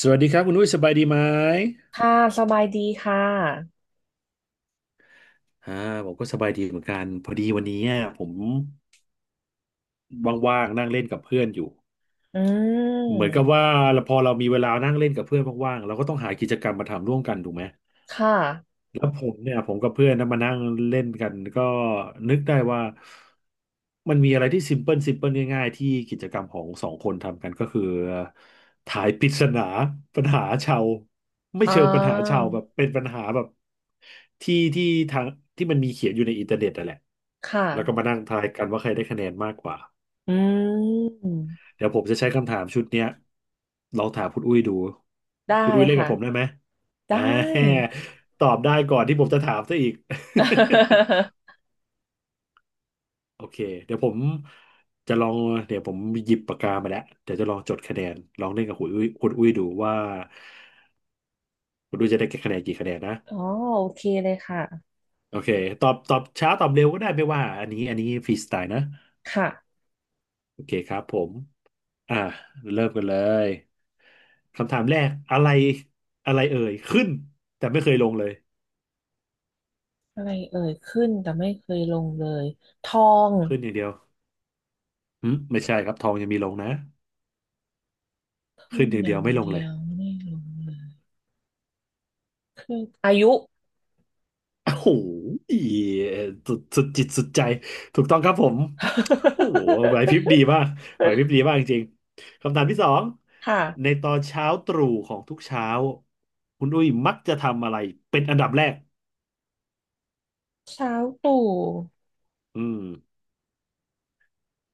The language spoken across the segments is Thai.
สวัสดีครับคุณอุ้ยสบายดีไหมค่ะสบายดีค่ะ อ่าผมก็สบายดีเหมือนกันพอดีวันนี้อะผมว่างๆนั่งเล่นกับเพื่อนอยู่อืเหมือนกับมว่าพอเรามีเวลานั่งเล่นกับเพื่อนว่างๆเราก็ต้องหากิจกรรมมาทำร่วมกันถูกไหม ค่ะ แล้วผมเนี่ยผมกับเพื่อนนะมานั่งเล่นกันก็นึกได้ว่ามันมีอะไรที่ซิมเพิลซิมเพิลง่ายๆที่กิจกรรมของสองคนทำกันก็คือทายปริศนาปัญหาชาวไม่อ่เชิงปัญหาา ชาวแบบเป็นปัญหาแบบที่ทางที่มันมีเขียนอยู่ในอินเทอร์เน็ตนั่นแหละค่ะ แล้วก็มานั่งทายกันว่าใครได้คะแนนมากกว่า อืม เดี๋ยวผมจะใช้คำถามชุดเนี้ยลองถามคุณอุ้ยดูได้คุณอุ้ยเล่นกัค่ะ บผมได้ไหมไดอ่า ้ ตอบได้ก่อนที่ผมจะถามซะอีก โอเคเดี๋ยวผมจะลองเดี๋ยวผมหยิบปากกามาแล้วเดี๋ยวจะลองจดคะแนนลองเล่นกับคุณอุ้ยดูว่าคุณอุ้ยจะได้คะแนนกี่คะแนนนะอ๋อโอเคเลยค่ะ โอเคตอบช้าตอบเร็วก็ได้ไม่ว่าอันนี้ฟรีสไตล์นะค่ะ โอเคครับผม อ่าเริ่มกันเลยคำถามแรกอะไรอะไรเอ่ยขึ้นแต่ไม่เคยลงเลยอะไรเอ่ยขึ้นแต่ไม่เคยลงเลย ทองขึ้นอย่างเดียวอืมไม่ใช่ครับทองยังมีลงนะขึ้ขึ้นนอย่าองเดีย่ายวงไม่ลงเดีเลยยวไม่ลงเลยขึ้นอายุ โอ้โหสุดสุดจิตสุดใจถูกต้องครับผมโอ้โหไหวพริบดีมากไหวพริบดีมากจริงๆคำถามที่สอง ค่ะในตอนเช้าตรู่ของทุกเช้าคุณอุ้ยมักจะทำอะไรเป็นอันดับแรกเช้าตู่อืม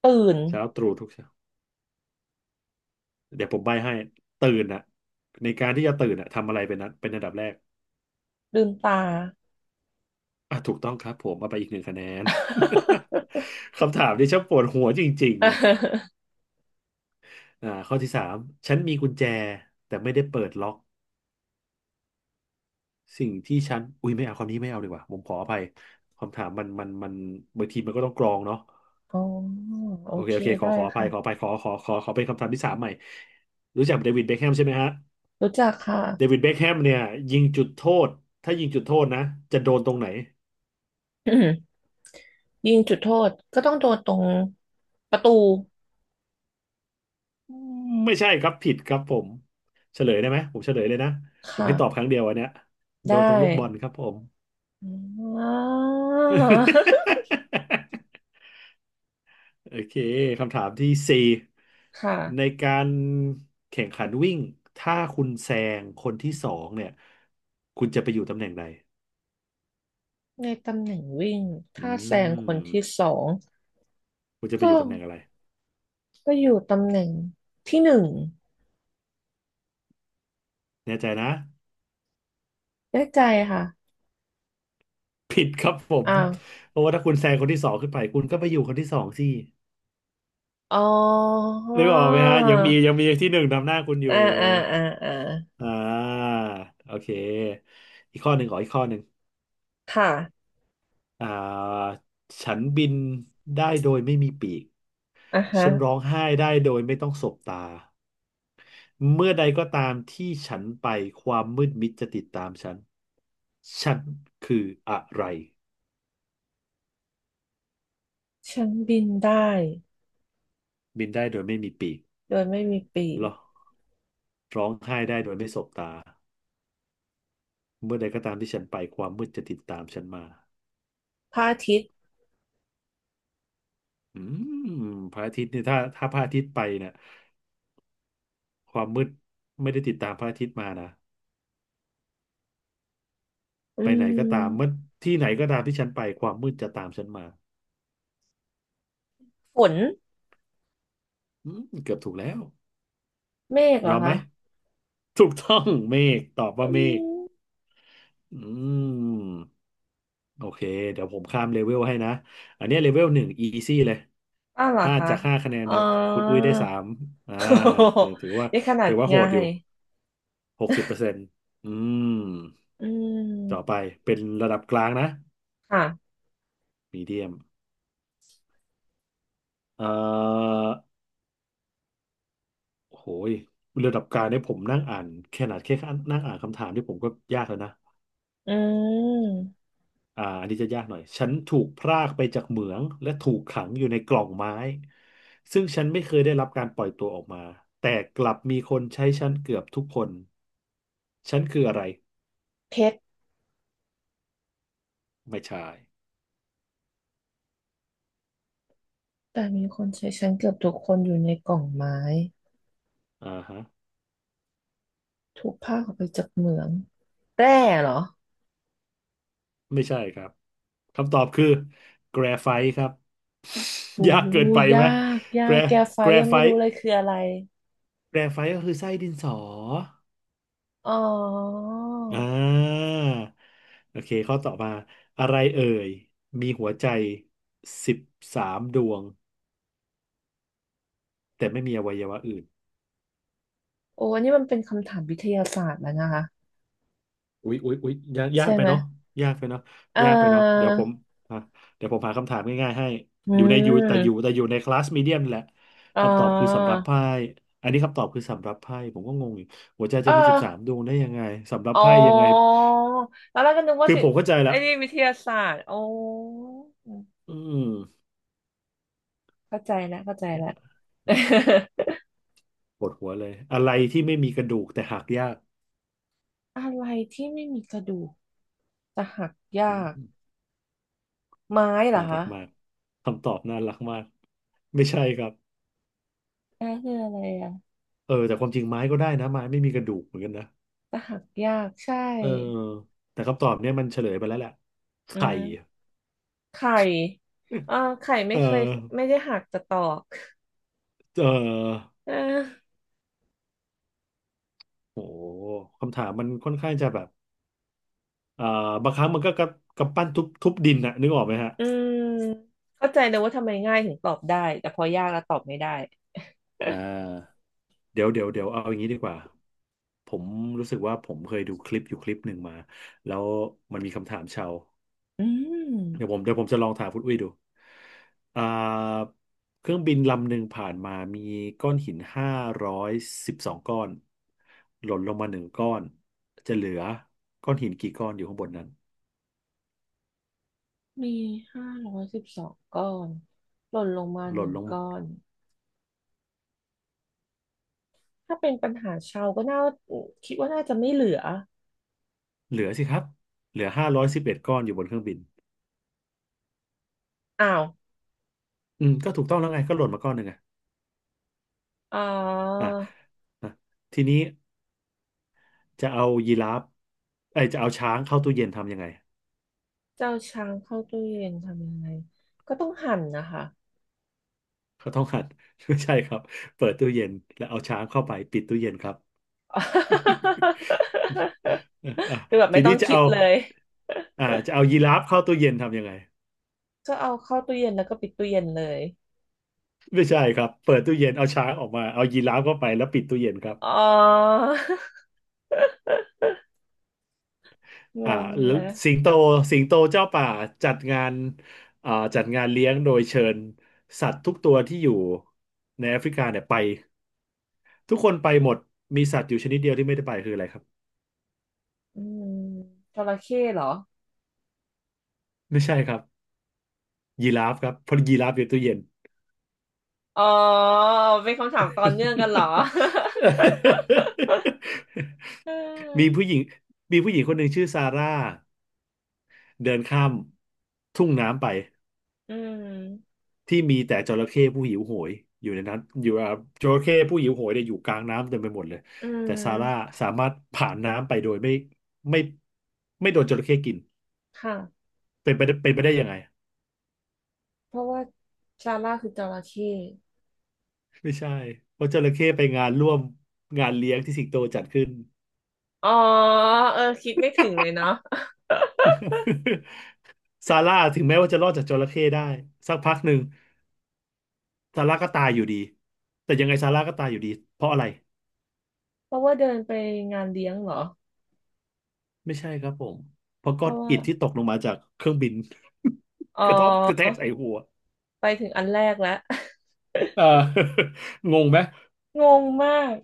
ตื่นเช้าตรู่ทุกเช้า เดี๋ยวผมใบ้ให้ตื่นอะในการที่จะตื่นอะทำอะไรเป็นเป็นอันดับแรกลืมตา อ่ะถูกต้องครับผมเอาไปอีกหนึ่งคะแนน คำถามนี้ช่างปวดหัวจริงๆข้อที่สามฉันมีกุญแจแต่ไม่ได้เปิดล็อกสิ่งที่ฉันอุ้ยไม่เอาคำนี้ไม่เอาดีกว่าผมขออภัยคำถามมันบางทีมันก็ต้องกรองเนาะอ๋อโอโอเคเคโอเคขได้อขออภัยค่ะขออภัยขอขอขอขอเป็นคำถามที่สามใหม่รู้จักเดวิดเบ็คแฮมใช่ไหมฮะรู้จักค่ะ เดวิดเบ็คแฮมเนี่ยยิงจุดโทษถ้ายิงจุดโทษนะจะโดนตรงไหน อืมยิงจุดโทษก็ต้องโดนตรงประตูไม่ใช่ครับผิดครับผมเฉลยได้ไหมผมเฉลยเลยนะคผมให้ตอบค่ะรั้งเดียวอันเนี้ยโดได้นตรงลูกบอลครับผม อ่าว โอเคคำถามที่สี่คใน่ะการแข่งขันวิ่งถ้าคุณแซงคนที่สองเนี่ยคุณจะไปอยู่ตำแหน่งใดในตำแหน่งวิ่งอืถ้าแซงคนที่มสองคุณจะไปก็อยู่ตำแหน่งอะไรก็อยู่ตำแหน่งที่หนึ่งแน่ใจนะได้ใจค่ะผิดครับผมอ้าวเพราะว่าถ้าคุณแซงคนที่สองขึ้นไปคุณก็ไปอยู่คนที่สองสิอ๋อนึกออกไหมฮะยังมีที่หนึ่งนำหน้าคุณอยู่ อ่าอ่าอ่าอ่าอ่าโอเคอีกข้อหนึ่งขออีกข้อหนึ่งค่ะอ่าฉันบินได้โดยไม่มีปีกอ่ะฮะฉันร้องไห้ได้โดยไม่ต้องสบตาเมื่อใดก็ตามที่ฉันไปความมืดมิดจะติดตามฉันฉันคืออะไรฉันบินได้บินได้โดยไม่มีปีกโดยไม่มีปีเหรอกร้องไห้ได้โดยไม่สบตาเมื่อใดก็ตามที่ฉันไปความมืดจะติดตามฉันมาพระอาทิตย์ อืมพระอาทิตย์เนี่ยถ้าพระอาทิตย์ไปเนี่ยความมืดไม่ได้ติดตามพระอาทิตย์มานะ อืไปไหนก็ตามเมื่อมที่ไหนก็ตามที่ฉันไปความมืดจะตามฉันมาฝนอืมเกือบถูกแล้วเมฆเหรยออมไหมคะถูกต้องเมฆตอบว่าอืเมฆมอืมโอเคเดี๋ยวผมข้ามเลเวลให้นะอันเนี้เลเวลหนึ่งอีซี่เลยอ้าวเหรอห้าคะจากห้าคะแนนอ๋อ เนี่ยคุณอุ้ยได้สามอ่าถือถือว่า นี่ขนาถืดอว่าโหง่าดอยู่ย60%อืมอืต่อไปมเป็นระดับกลางนะค่ะมีเดียมเอ่อ โหยระดับกลางเนี่ยผมนั่งอ่านแค่ขนาดแค่นั่งอ่านคำถามที่ผมก็ยากแล้วนะอืมอันนี้จะยากหน่อยฉันถูกพรากไปจากเหมืองและถูกขังอยู่ในกล่องไม้ซึ่งฉันไม่เคยได้รับการปล่อยตัวออกมาแต่กลับมีคนใช้ฉันเกือบทุกคนฉันคืออะไรเพชรไม่ใช่แต่มีคนใช้ชั้นเกือบทุกคนอยู่ในกล่องไม้อ่าฮะถูกภาคออกไปจากเหมืองแร่เหรอไม่ใช่ครับคำตอบคือแกรไฟต์ครับ โอ้ ยากเกินไปยาไหมกยาแกรกแกไฟแกรยังไฟไม่รู้ต์เลยคืออะไรแกรไฟต์ก็คือไส้ดินสอ อ๋ออ่าโอเคข้อต่อมาอะไรเอ่ยมีหัวใจสิบสามดวงแต่ไม่มีอวัยวะอื่นโอ้อันนี้มันเป็นคำถามวิทยาศาสตร์แล้วนะคะอุ๊ยอุ๊ยอุ๊ยยากยาใช่กไปไหมเนาะยากไปเนาะเอ่ยากไปเนาะออ่ะเดี๋ยวผมหาคำถามง่ายๆให้อือยู่ในอยู่แต่อยู่ม แต่อยู่ในคลาสมีเดียมแหละอ่าคำตอบคือสำรับไพ่อันนี้คำตอบคือสำรับไพ่ผมก็งงอยู่หัวใจเอจะมีสิบสามอ ดวงได้ยังไงสำรับอ๋อ ไพ่ยังไงแล้วเราก็นึกว่าคือสิผมเข้าใจไอ้ละนี่วิทยาศาสตร์โอ้อืมเข้าใจแล้วเข้าใจแล้ว ปวดหัวเลยอะไรที่ไม่มีกระดูกแต่หักยาก อะไรที่ไม่มีกระดูกจะหักยาอืกมไม้เหรอน่ารัคะกมากคำตอบน่ารักมากไม่ใช่ครับนั่นคืออะไรอ่ะเออแต่ความจริงไม้ก็ได้นะไม้ไม่มีกระดูกเหมือนกันนะจะหักยากใช่เออแต่คำตอบเนี่ยมันเฉลยไปแล้วแหละอืไข่มไข่อ่าไข่ไม่เออเคยไม่ได้หักแต่ตอกเออเออโหคำถามมันค่อนข้างจะแบบเอ่อบางครั้งมันก็กระกำปั้นทุบทุบดินนะนึกออกไหมฮะอืมเข้าใจเลยว่าทำไมง่ายถึงตอบได้แต่พอยากแล้วตอบไม่ได้อ่าเดี๋ยวเดี๋ยวเดี๋ยวเอาอย่างนี้ดีกว่า ผมรู้สึกว่าผมเคยดูคลิปอยู่คลิปหนึ่งมาแล้วมันมีคำถามชาว อืม เดี๋ยวผมจะลองถามคุณอุ้ยดูอ่าเครื่องบินลำหนึ่งผ่านมามีก้อนหิน512ก้อน หล่นลงมาหนึ่งก้อน จะเหลือก้อนหินกี่ก้อนอยู่ข้างบนนั้น มี512ก้อน หล่นลงมาหหล่นนึ่งลงก้มาอน ถ้าเป็นปัญหาเชาวก็น่าคิดว่าน่าจะไม่เหลือเหลือสิครับ เหลือ511ก้อนอยู่บนเครื่องบิน อ้าวอืม ก็ถูกต้องแล้วไงก็หล่นมาก้อนหนึ่งไงอ๋ออ่ะอ่ะทีนี้จะเอายีราฟจะเอาช้างเข้าตู้เย็นทำยังไงเจ้าช้างเข้าตู้เย็นทำยังไงก็ต้องหั่นนะคะ เขาต้องหัด ไม่ใช่ครับเปิดตู้เย็นแล้วเอาช้างเข้าไปปิดตู้เย็นครับ อ่ะอ่ะ คือแบบทีไม่ต้อนี้งคิดเลยจะเอายีราฟเข้าตู้เย็นทำยังไง ก็เอาเข้าตู้เย็นแล้วก็ปิดตู้เย็นเลยไม่ใช่ครับ เปิดตู้เย็นเอาช้างออกมาเอายีราฟเข้าไปแล้วปิดตู้เย็นครับอ๋อ งอ่างแล้วนะสิงโตสิงโตเจ้าป่าจัดงานจัดงานเลี้ยงโดยเชิญสัตว์ทุกตัวที่อยู่ในแอฟริกาเนี่ยไป ทุกคนไปหมดมีสัตว์อยู่ชนิดเดียวที่ไม่ได้ไปคืออะไรครับอืมจระเข้เหรอไม่ใช่ครับยีราฟครับเพราะยีราฟอยู่ตู้เย็น อ๋อเป็นคำถามต่อเนื่องกันเหรอ อ มีผู้หญิงมีผู้หญิงคนหนึ่งชื่อซาร่า เดินข้ามทุ่งน้ำไปอืมที่มีแต่จระเข้ผู้หิวโหยอยู่ในนั้นอยู่อ่ะจระเข้ผู้หิวโหยเนี่ยอยู่กลางน้ำเต็มไปหมดเลยอืแต่ซาร่ามสามารถผ่านน้ำไปโดยไม่ไม่โดนจระเข้กินค่ะ เป็นไปได้ยังไงเพราะว่าซาร่าคือจระเข้ไม่ใช่เพราะจระเข้ไปงานร่วมงานเลี้ยงที่สิงโตจัดขึ้น อ๋อเออคิดไม่ถึงเลยเนาะ ซาร่าถึงแม้ว่าจะรอดจากจระเข้ได้สักพักหนึ่งซาร่าก็ตายอยู่ดีแต่ยังไงซาร่าก็ตายอยู่ดีเพราะอะไร เพราะว่าเดินไปงานเลี้ยงเหรอไม่ใช่ครับผมเพราะเพก้อนราะว่าอิฐที่ตกลงมาจากเครื่องบิน อ๋ กระทบกระแทกอ ใส่หัวไปถึงอันแรกแล้ว เอองงไหม งงมาก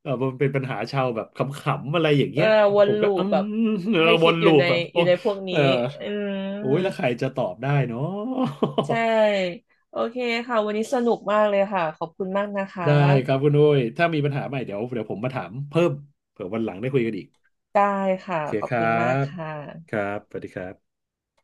เออมันเป็นปัญหาชาวแบบขำๆอะไรอย่างเออเงี้ยวนผมก็ลูปแบบเออให้วคิดนอยู่ลูในปแบบอโอ้ยู่ในพวกเอนี้ออืโอ้มยแล้วใครจะตอบได้เนาะ ใช่ โอเคค่ะวันนี้สนุกมากเลยค่ะขอบคุณมากนะ คะ ได้ครับคุณอุ้ยถ้ามีปัญหาใหม่เดี๋ยวเดี๋ยวผมมาถามเพิ่มเผื่อวันหลังได้คุยกันอีกได้ค่ะโอเคขอบครัคุณมากบค่ะครับสวัสดีครับ